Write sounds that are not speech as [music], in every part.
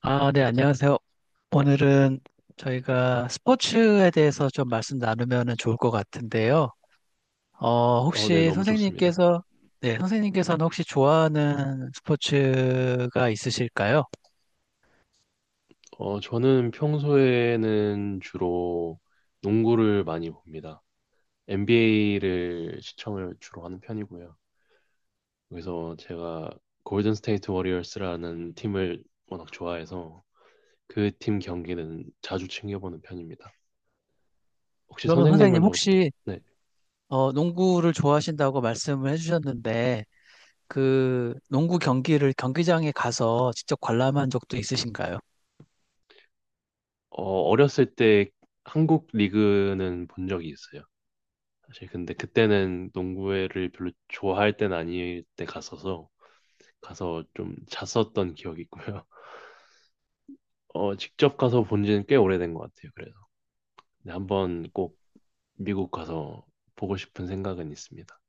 아, 네, 안녕하세요. 오늘은 저희가 스포츠에 대해서 좀 말씀 나누면 좋을 것 같은데요. 네, 혹시 너무 좋습니다. 선생님께서, 네, 선생님께서는 혹시 좋아하는 스포츠가 있으실까요? 저는 평소에는 주로 농구를 많이 봅니다. NBA를 시청을 주로 하는 편이고요. 그래서 제가 골든 스테이트 워리어스라는 팀을 워낙 좋아해서 그 팀 경기는 자주 챙겨보는 편입니다. 혹시 그러면 선생님 선생님은 뭐, 혹시, 네, 농구를 좋아하신다고 말씀을 해주셨는데, 그 농구 경기를 경기장에 가서 직접 관람한 적도 있으신가요? 어렸을 때 한국 리그는 본 적이 있어요. 사실 근데 그때는 농구를 회 별로 좋아할 땐 아닐 때 갔어서 가서 좀 잤었던 기억이 있고요. [laughs] 직접 가서 본 지는 꽤 오래된 것 같아요. 그래서 근데 한번 꼭 미국 가서 보고 싶은 생각은 있습니다.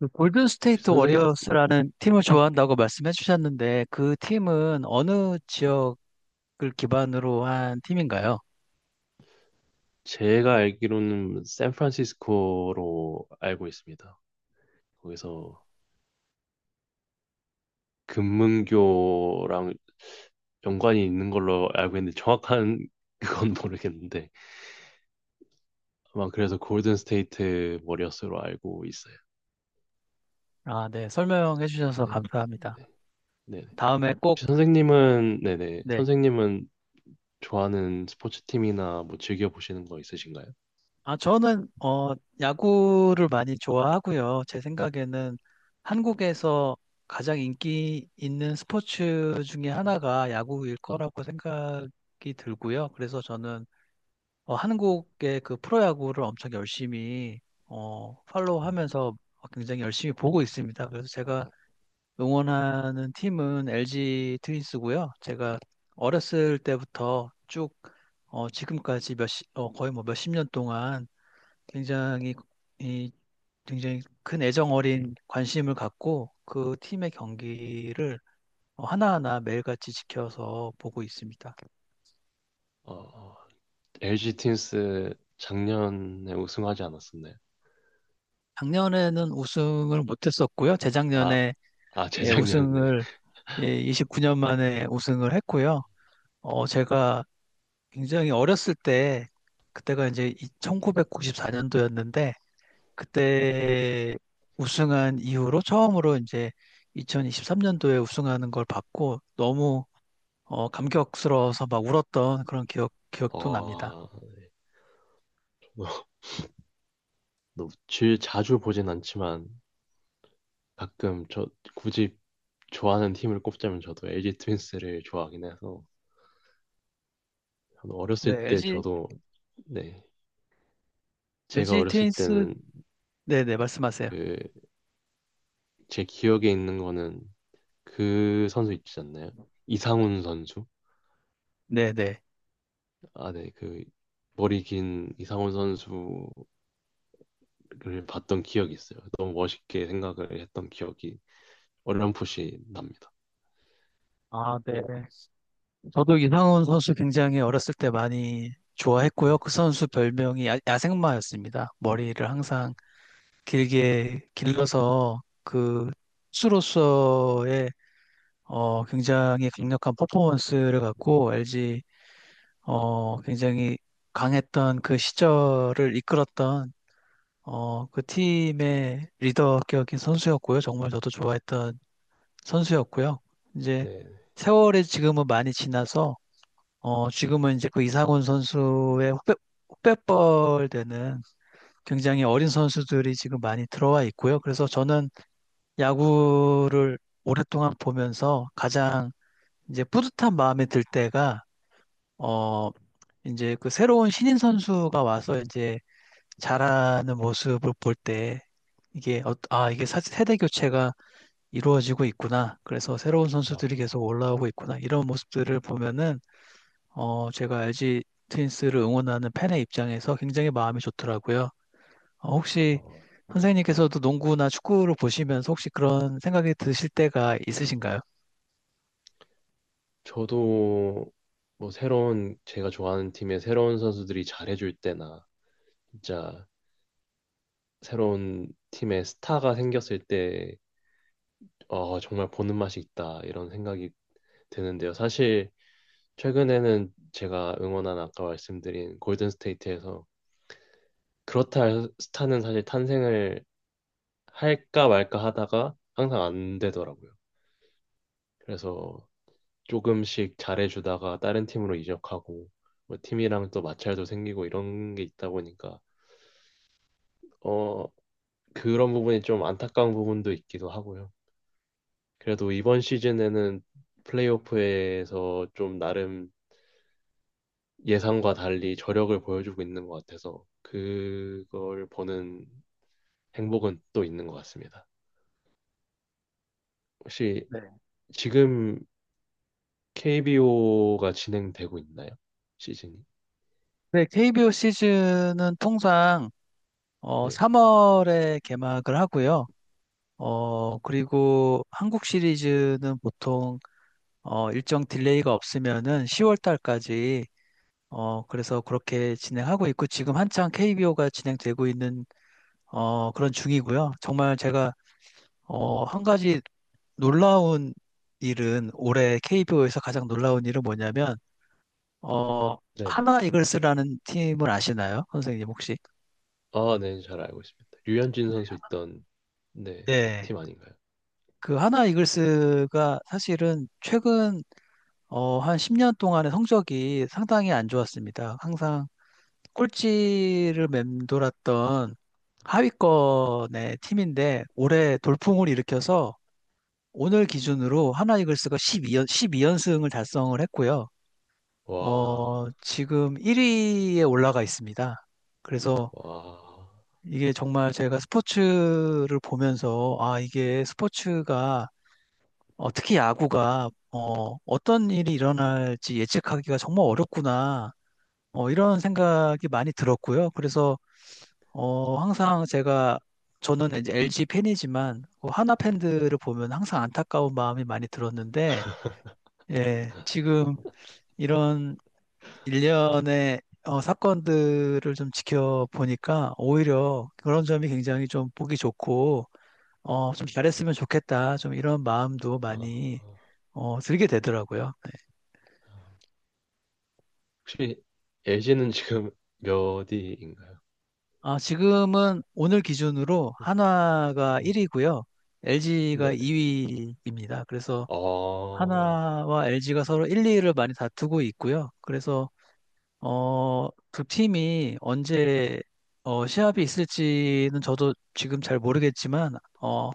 그 골든 혹시 스테이트 선생 워리어스라는 팀을 좋아한다고 말씀해 주셨는데, 그 팀은 어느 지역 글 기반으로 한 팀인가요? 제가 알기로는 샌프란시스코로 알고 있습니다. 거기서 금문교랑 연관이 있는 걸로 알고 있는데 정확한 [laughs] 그건 모르겠는데 아마 그래서 골든 스테이트 머리였스로 알고 있어요. 아, 네. 설명해 주셔서 네. 감사합니다. 네. 네. 다음에 꼭, 혹시 선생님은 네네 네. 선생님은 좋아하는 스포츠 팀이나 뭐 즐겨 보시는 거 있으신가요? 아, 저는, 야구를 많이 좋아하고요. 제 생각에는 한국에서 가장 인기 있는 스포츠 중에 하나가 야구일 거라고 생각이 들고요. 그래서 저는, 한국의 그 프로야구를 엄청 열심히, 팔로우 하면서 굉장히 열심히 보고 있습니다. 그래서 제가 응원하는 팀은 LG 트윈스고요. 제가 어렸을 때부터 쭉 지금까지 거의 뭐 몇십 년 동안 굉장히 이 굉장히 큰 애정 어린 관심을 갖고 그 팀의 경기를 하나하나 매일같이 지켜서 보고 있습니다. 어, 어, LG 윈스 작년에 우승하지 않았었나요? 작년에는 우승을 못했었고요. 아, 재작년에 아 [laughs] 예, 재작년에. 우승을 예, 29년 만에 우승을 했고요. 제가 굉장히 어렸을 때, 그때가 이제 1994년도였는데, 그때 우승한 이후로 처음으로 이제 2023년도에 우승하는 걸 봤고, 너무 감격스러워서 막 울었던 그런 기억도 납니다. 어, 자주 보진 않지만 가끔 저 굳이 좋아하는 팀을 꼽자면 저도 LG 트윈스를 좋아하긴 해서 저는 어렸을 네, 때 저도 네 제가 LG 어렸을 트윈스, 때는 네네, 말씀하세요. 그 제 기억에 있는 거는 그 선수 있지 않나요? 이상훈 선수 네네. 아, 네, 그 머리 긴 이상훈 선수를 봤던 기억이 있어요. 너무 멋있게 생각을 했던 기억이 어렴풋이 납니다. 아, 네. 저도 이상훈 선수 굉장히 어렸을 때 많이 네, 좋아했고요. 그 선수 별명이 야생마였습니다. 머리를 항상 길게 길러서 그 수로서의 굉장히 강력한 네, 퍼포먼스를 네, 갖고 LG 굉장히 강했던 그 시절을 이끌었던 그 팀의 리더격인 선수였고요. 정말 저도 좋아했던 선수였고요. 이제 네. 세월이 지금은 많이 지나서 지금은 이제 그 이상훈 선수의 후배뻘 되는 굉장히 어린 선수들이 지금 많이 들어와 있고요. 그래서 저는 야구를 오랫동안 보면서 가장 이제 뿌듯한 마음이 들 때가, 어, 이제 그 새로운 신인 선수가 와서 이제 잘하는 모습을 볼 때, 이게, 아, 이게 세대 교체가 이루어지고 있구나. 그래서 새로운 와, 선수들이 계속 올라오고 있구나. 이런 모습들을 보면은, 제가 LG 트윈스를 응원하는 팬의 입장에서 굉장히 마음이 좋더라고요. 혹시 어, 선생님께서도 농구나 축구를 보시면서 혹시 그런 생각이 드실 때가 있으신가요? 저도 뭐 새로운 제가 좋아하는 팀의 새로운 선수들이 잘해줄 때나 진짜 새로운 팀의 스타가 생겼을 때 정말 보는 맛이 있다 이런 생각이 드는데요. 사실 최근에는 제가 응원한 아까 말씀드린 골든 스테이트에서 그렇다 스타는 사실 탄생을 할까 말까 하다가 항상 안 되더라고요. 그래서 조금씩 잘해주다가 다른 팀으로 이적하고 뭐 팀이랑 또 마찰도 생기고 이런 게 있다 보니까 어 그런 부분이 좀 안타까운 부분도 있기도 하고요. 그래도 이번 시즌에는 플레이오프에서 좀 나름 예상과 달리 저력을 보여주고 있는 것 같아서 그걸 보는 행복은 또 있는 것 같습니다. 혹시 네. 지금 KBO가 진행되고 있나요? 시즌이? 네, KBO 시즌은 통상 네. 3월에 개막을 하고요. 그리고 한국 시리즈는 보통 일정 딜레이가 없으면은 10월 달까지 그래서 그렇게 진행하고 있고 지금 한창 KBO가 진행되고 있는 그런 중이고요. 정말 제가 한 가지 놀라운 일은 올해 KBO에서 가장 놀라운 일은 뭐냐면 어, 네네. 하나 이글스라는 팀을 아시나요? 선생님 혹시? 아, 네, 잘 알고 있습니다. 류현진 선수 있던, 네, 네. 팀 아닌가요? 그 하나 이글스가 사실은 최근 한 10년 동안의 성적이 상당히 안 좋았습니다. 항상 꼴찌를 맴돌았던 하위권의 팀인데 올해 돌풍을 일으켜서 오늘 기준으로 하나 이글스가 연승을 달성을 했고요. 와, 지금 1위에 올라가 있습니다. 그래서 와, 이게 정말 제가 스포츠를 보면서 아, 이게 스포츠가 특히 야구가 어떤 일이 일어날지 예측하기가 정말 어렵구나. 이런 생각이 많이 들었고요. 그래서 항상 제가 저는 이제 LG 팬이지만 그 하나 팬들을 보면 항상 안타까운 마음이 많이 들었는데 예, 지금 이런 일련의 사건들을 좀 지켜보니까 오히려 그런 점이 굉장히 좀 보기 좋고 좀 잘했으면 좋겠다. 좀 이런 마음도 아, 많이 들게 되더라고요. 아. 혹시 LG는 지금 몇 위인가요? 아, 지금은 오늘 기준으로 네, 한화가 네, 1위고요. LG가 네네. 2위입니다. 그래서 아, 한화와 LG가 서로 1, 2위를 많이 다투고 있고요. 그래서 두 팀이 언제 시합이 있을지는 저도 지금 잘 모르겠지만 어,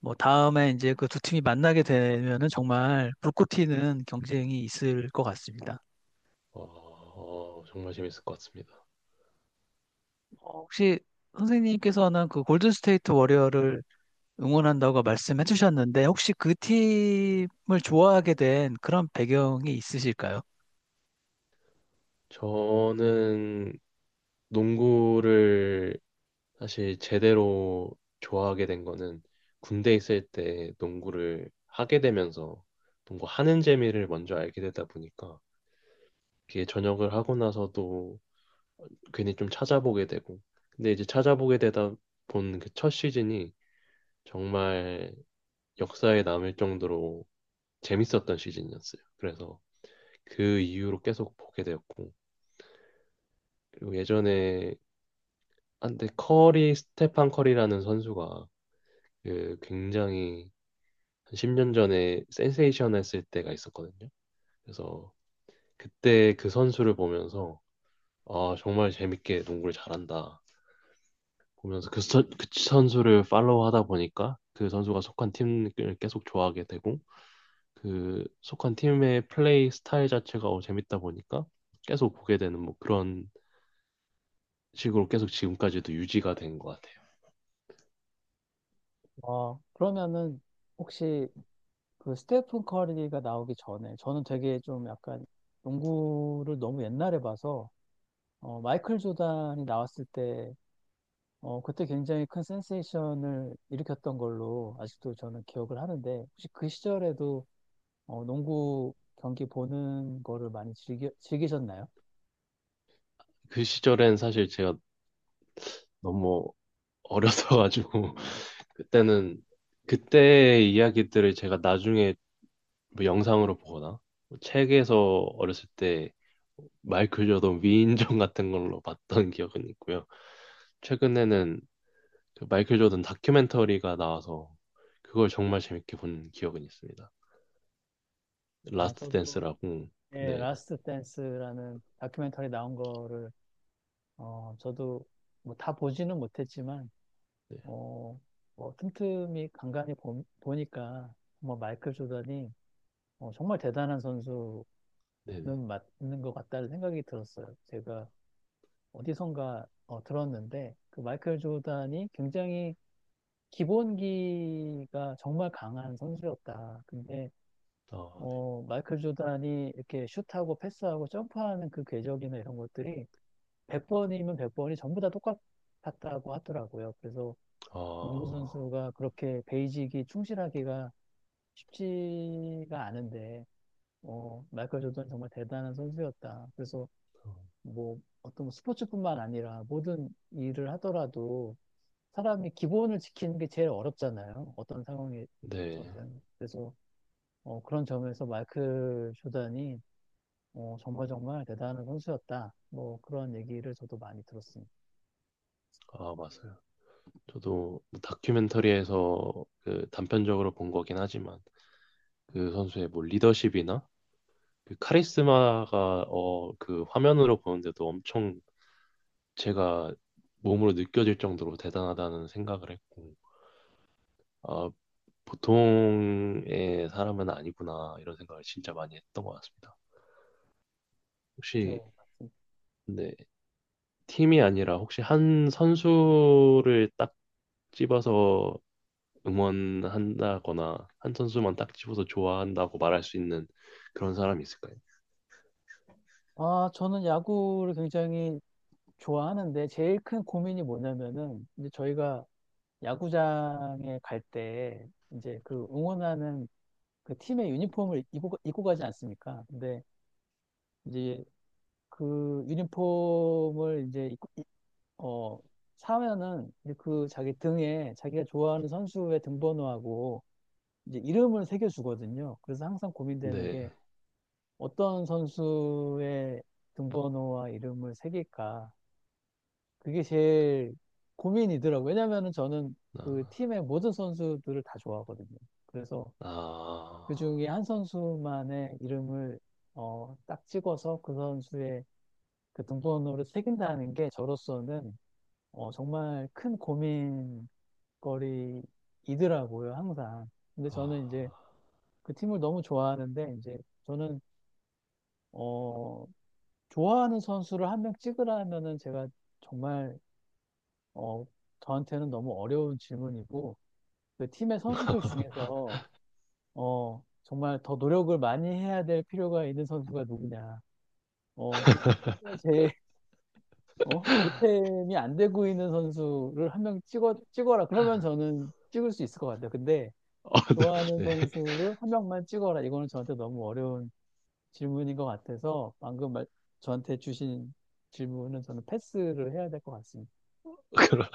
뭐 다음에 이제 그 두 팀이 만나게 되면은 정말 불꽃 튀는 경쟁이 있을 것 같습니다. 아, 정말 재밌을 것 같습니다. 혹시 선생님께서는 그 골든스테이트 워리어를 응원한다고 말씀해 주셨는데, 혹시 그 팀을 좋아하게 된 그런 배경이 있으실까요? 저는 농구를 사실 제대로 좋아하게 된 거는 군대 있을 때 농구를 하게 되면서 농구하는 재미를 먼저 알게 되다 보니까 그게 전역을 하고 나서도 괜히 좀 찾아보게 되고 근데 이제 찾아보게 되다 본 그 첫 시즌이 정말 역사에 남을 정도로 재밌었던 시즌이었어요. 그래서 그 이후로 계속 보게 되었고 그리고 예전에 한때 커리 스테판 커리라는 선수가 그 굉장히 한 10년 전에 센세이션 했을 때가 있었거든요. 그래서 그때 그 선수를 보면서 아, 정말 재밌게 농구를 잘한다. 보면서 그 선수를 팔로우 하다 보니까 그 선수가 속한 팀을 계속 좋아하게 되고 그 속한 팀의 플레이 스타일 자체가 재밌다 보니까 계속 보게 되는 뭐 그런 식으로 계속 지금까지도 유지가 된 것 같아요. 그러면은 혹시 그 스테픈 커리가 나오기 전에 저는 되게 좀 약간 농구를 너무 옛날에 봐서 마이클 조단이 나왔을 때 그때 굉장히 큰 센세이션을 일으켰던 걸로 아직도 저는 기억을 하는데 혹시 그 시절에도 농구 경기 보는 거를 많이 즐기셨나요? 그 시절엔 사실 제가 너무 어렸어가지고 [laughs] 그때는 그때의 이야기들을 제가 나중에 뭐 영상으로 보거나 뭐 책에서 어렸을 때 마이클 조던 위인전 같은 걸로 봤던 기억은 있고요. 최근에는 그 마이클 조던 다큐멘터리가 나와서 그걸 정말 재밌게 본 기억은 있습니다. 아, 라스트 저도 댄스라고. 예, 네, 라스트 댄스라는 다큐멘터리 나온 거를 저도 뭐 다 보지는 못했지만 네, 어, 뭐 틈틈이 간간히 보니까 정말 마이클 조던이 정말 대단한 선수는 네, 네. 맞는 것 같다는 생각이 들었어요. 제가 어디선가 들었는데 그 마이클 조던이 굉장히 기본기가 정말 강한 선수였다. 근데 아, 네. 마이클 조던이 이렇게 슛하고 패스하고 점프하는 그 궤적이나 이런 것들이 100번이면 100번이 전부 다 똑같았다고 하더라고요. 그래서 농구 아, 선수가 그렇게 베이직이 충실하기가 쉽지가 않은데, 마이클 조던 정말 대단한 선수였다. 그래서 뭐 어떤 스포츠뿐만 아니라 모든 일을 하더라도 사람이 기본을 지키는 게 제일 어렵잖아요. 어떤 네. 상황에서든. 그래서 그런 점에서 마이클 조던이 정말 정말 대단한 선수였다. 뭐 그런 얘기를 저도 많이 들었습니다. 아, 맞아요. 저도 뭐 다큐멘터리에서 그 단편적으로 본 거긴 하지만 그 선수의 뭐 리더십이나 그 카리스마가 어 그 화면으로 보는데도 엄청 제가 몸으로 느껴질 정도로 대단하다는 생각을 했고 아 보통의 사람은 아니구나 이런 생각을 진짜 많이 했던 것 같습니다. 혹시 그래서 근데 팀이 아니라 혹시 한 선수를 딱 집어서 응원한다거나 한 선수만 딱 집어서 좋아한다고 말할 수 있는 그런 사람이 있을까요? 아, 저는 야구를 굉장히 좋아하는데 제일 큰 고민이 뭐냐면은 이제 저희가 야구장에 갈 때 이제 그 응원하는 그 팀의 유니폼을 입고 가지 않습니까? 근데 이제 그 유니폼을 이제 어, 사면은 이제 그 자기 등에 자기가 좋아하는 선수의 등번호하고 이제 이름을 새겨주거든요. 그래서 항상 고민되는 네. 게 어떤 선수의 등번호와 이름을 새길까? 그게 제일 고민이더라고요. 왜냐면은 저는 아, 그 팀의 모든 선수들을 다 좋아하거든요. 그래서 아, 그 중에 한 선수만의 이름을 딱 찍어서 그 선수의 그 등번호를 새긴다는 게 저로서는 정말 큰 고민거리이더라고요, 항상. 근데 아. 저는 이제 그 팀을 너무 좋아하는데 이제 저는 어, 좋아하는 선수를 한 명 찍으라면은 제가 정말 어, 저한테는 너무 어려운 질문이고 그 팀의 선수들 중에서 정말 더 노력을 많이 해야 될 필요가 있는 선수가 누구냐. 지금 제일 보탬이 안 되고 있는 선수를 한 명 찍어라. 그러면 저는 찍을 수 있을 것 같아요. 근데 어, [laughs] 좋아하는 네. 선수를 한 명만 찍어라. 이거는 저한테 너무 어려운 질문인 것 같아서 방금 저한테 주신 질문은 저는 패스를 해야 될 것 같습니다. 그러-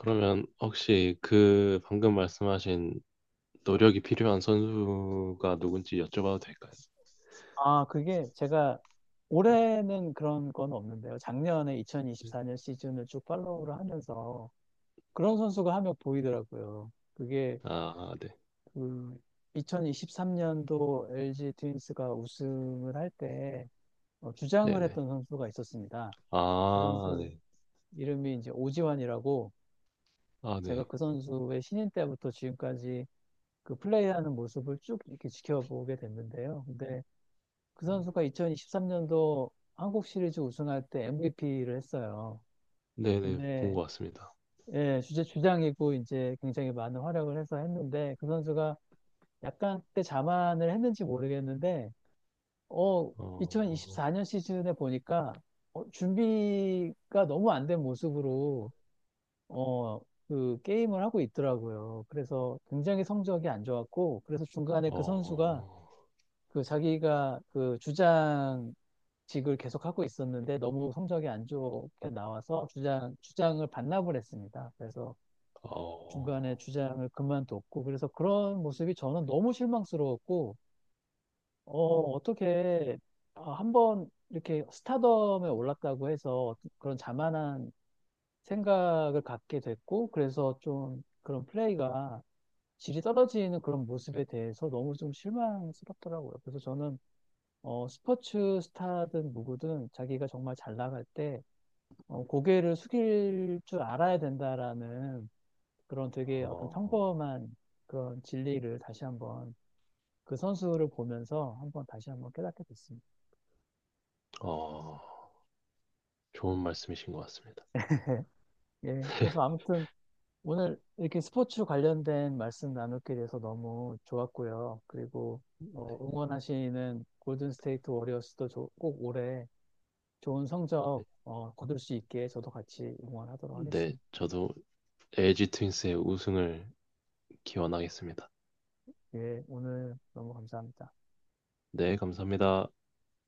그러면 혹시 그 방금 말씀하신 노력이 필요한 선수가 누군지 여쭤봐도 될까요? 아, 그게 제가 올해는 그런 건 없는데요. 작년에 네. 2024년 시즌을 쭉 팔로우를 하면서 그런 선수가 한 명 보이더라고요. 그게 아, 네. 그 2023년도 LG 트윈스가 우승을 할때 주장을 네네. 했던 선수가 있었습니다. 그 아, 선수 네. 이름이 이제 오지환이라고 아, 제가 네. 그 선수의 신인 때부터 지금까지 그 플레이하는 모습을 쭉 이렇게 지켜보게 됐는데요. 근데 그 선수가 2023년도 한국 시리즈 우승할 때 MVP를 했어요. 네네. 본 근데 것 같습니다. 예, 주제 주장이고 이제 굉장히 많은 활약을 해서 했는데 그 선수가 약간 그때 자만을 했는지 모르겠는데 어 어, 2024년 시즌에 보니까 준비가 너무 안 된 모습으로 어 그 게임을 하고 있더라고요. 그래서 굉장히 성적이 안 좋았고 그래서 중간에 그 선수가 어, 그 자기가 그 주장직을 계속 하고 있었는데 너무 성적이 안 좋게 나와서 주장을 반납을 했습니다. 그래서 중간에 어, 주장을 그만뒀고 그래서 그런 모습이 저는 너무 실망스러웠고 어, 어떻게 아, 한번 이렇게 스타덤에 올랐다고 해서 그런 자만한 생각을 갖게 됐고 그래서 좀 그런 플레이가 질이 떨어지는 그런 모습에 대해서 너무 좀 실망스럽더라고요. 그래서 저는 스포츠 스타든 누구든 자기가 정말 잘 나갈 때 고개를 숙일 줄 알아야 된다라는 그런 되게 어떤 어, 평범한 그런 진리를 다시 한번 그 선수를 보면서 한번 다시 한번 깨닫게 됐습니다. 어. 좋은 [laughs] 말씀이신 것 같습니다. 네. 예. 그래서 아무튼 오늘 이렇게 스포츠 관련된 말씀 나누게 돼서 너무 좋았고요. 그리고 네, 응원하시는 골든 스테이트 워리어스도 꼭 올해 좋은 성적 네, 거둘 수 있게 저도 같이 응원하도록 네, 하겠습니다. 저도 LG 트윈스의 우승을 기원하겠습니다. 예, 오늘 너무 감사합니다. 네, 감사합니다.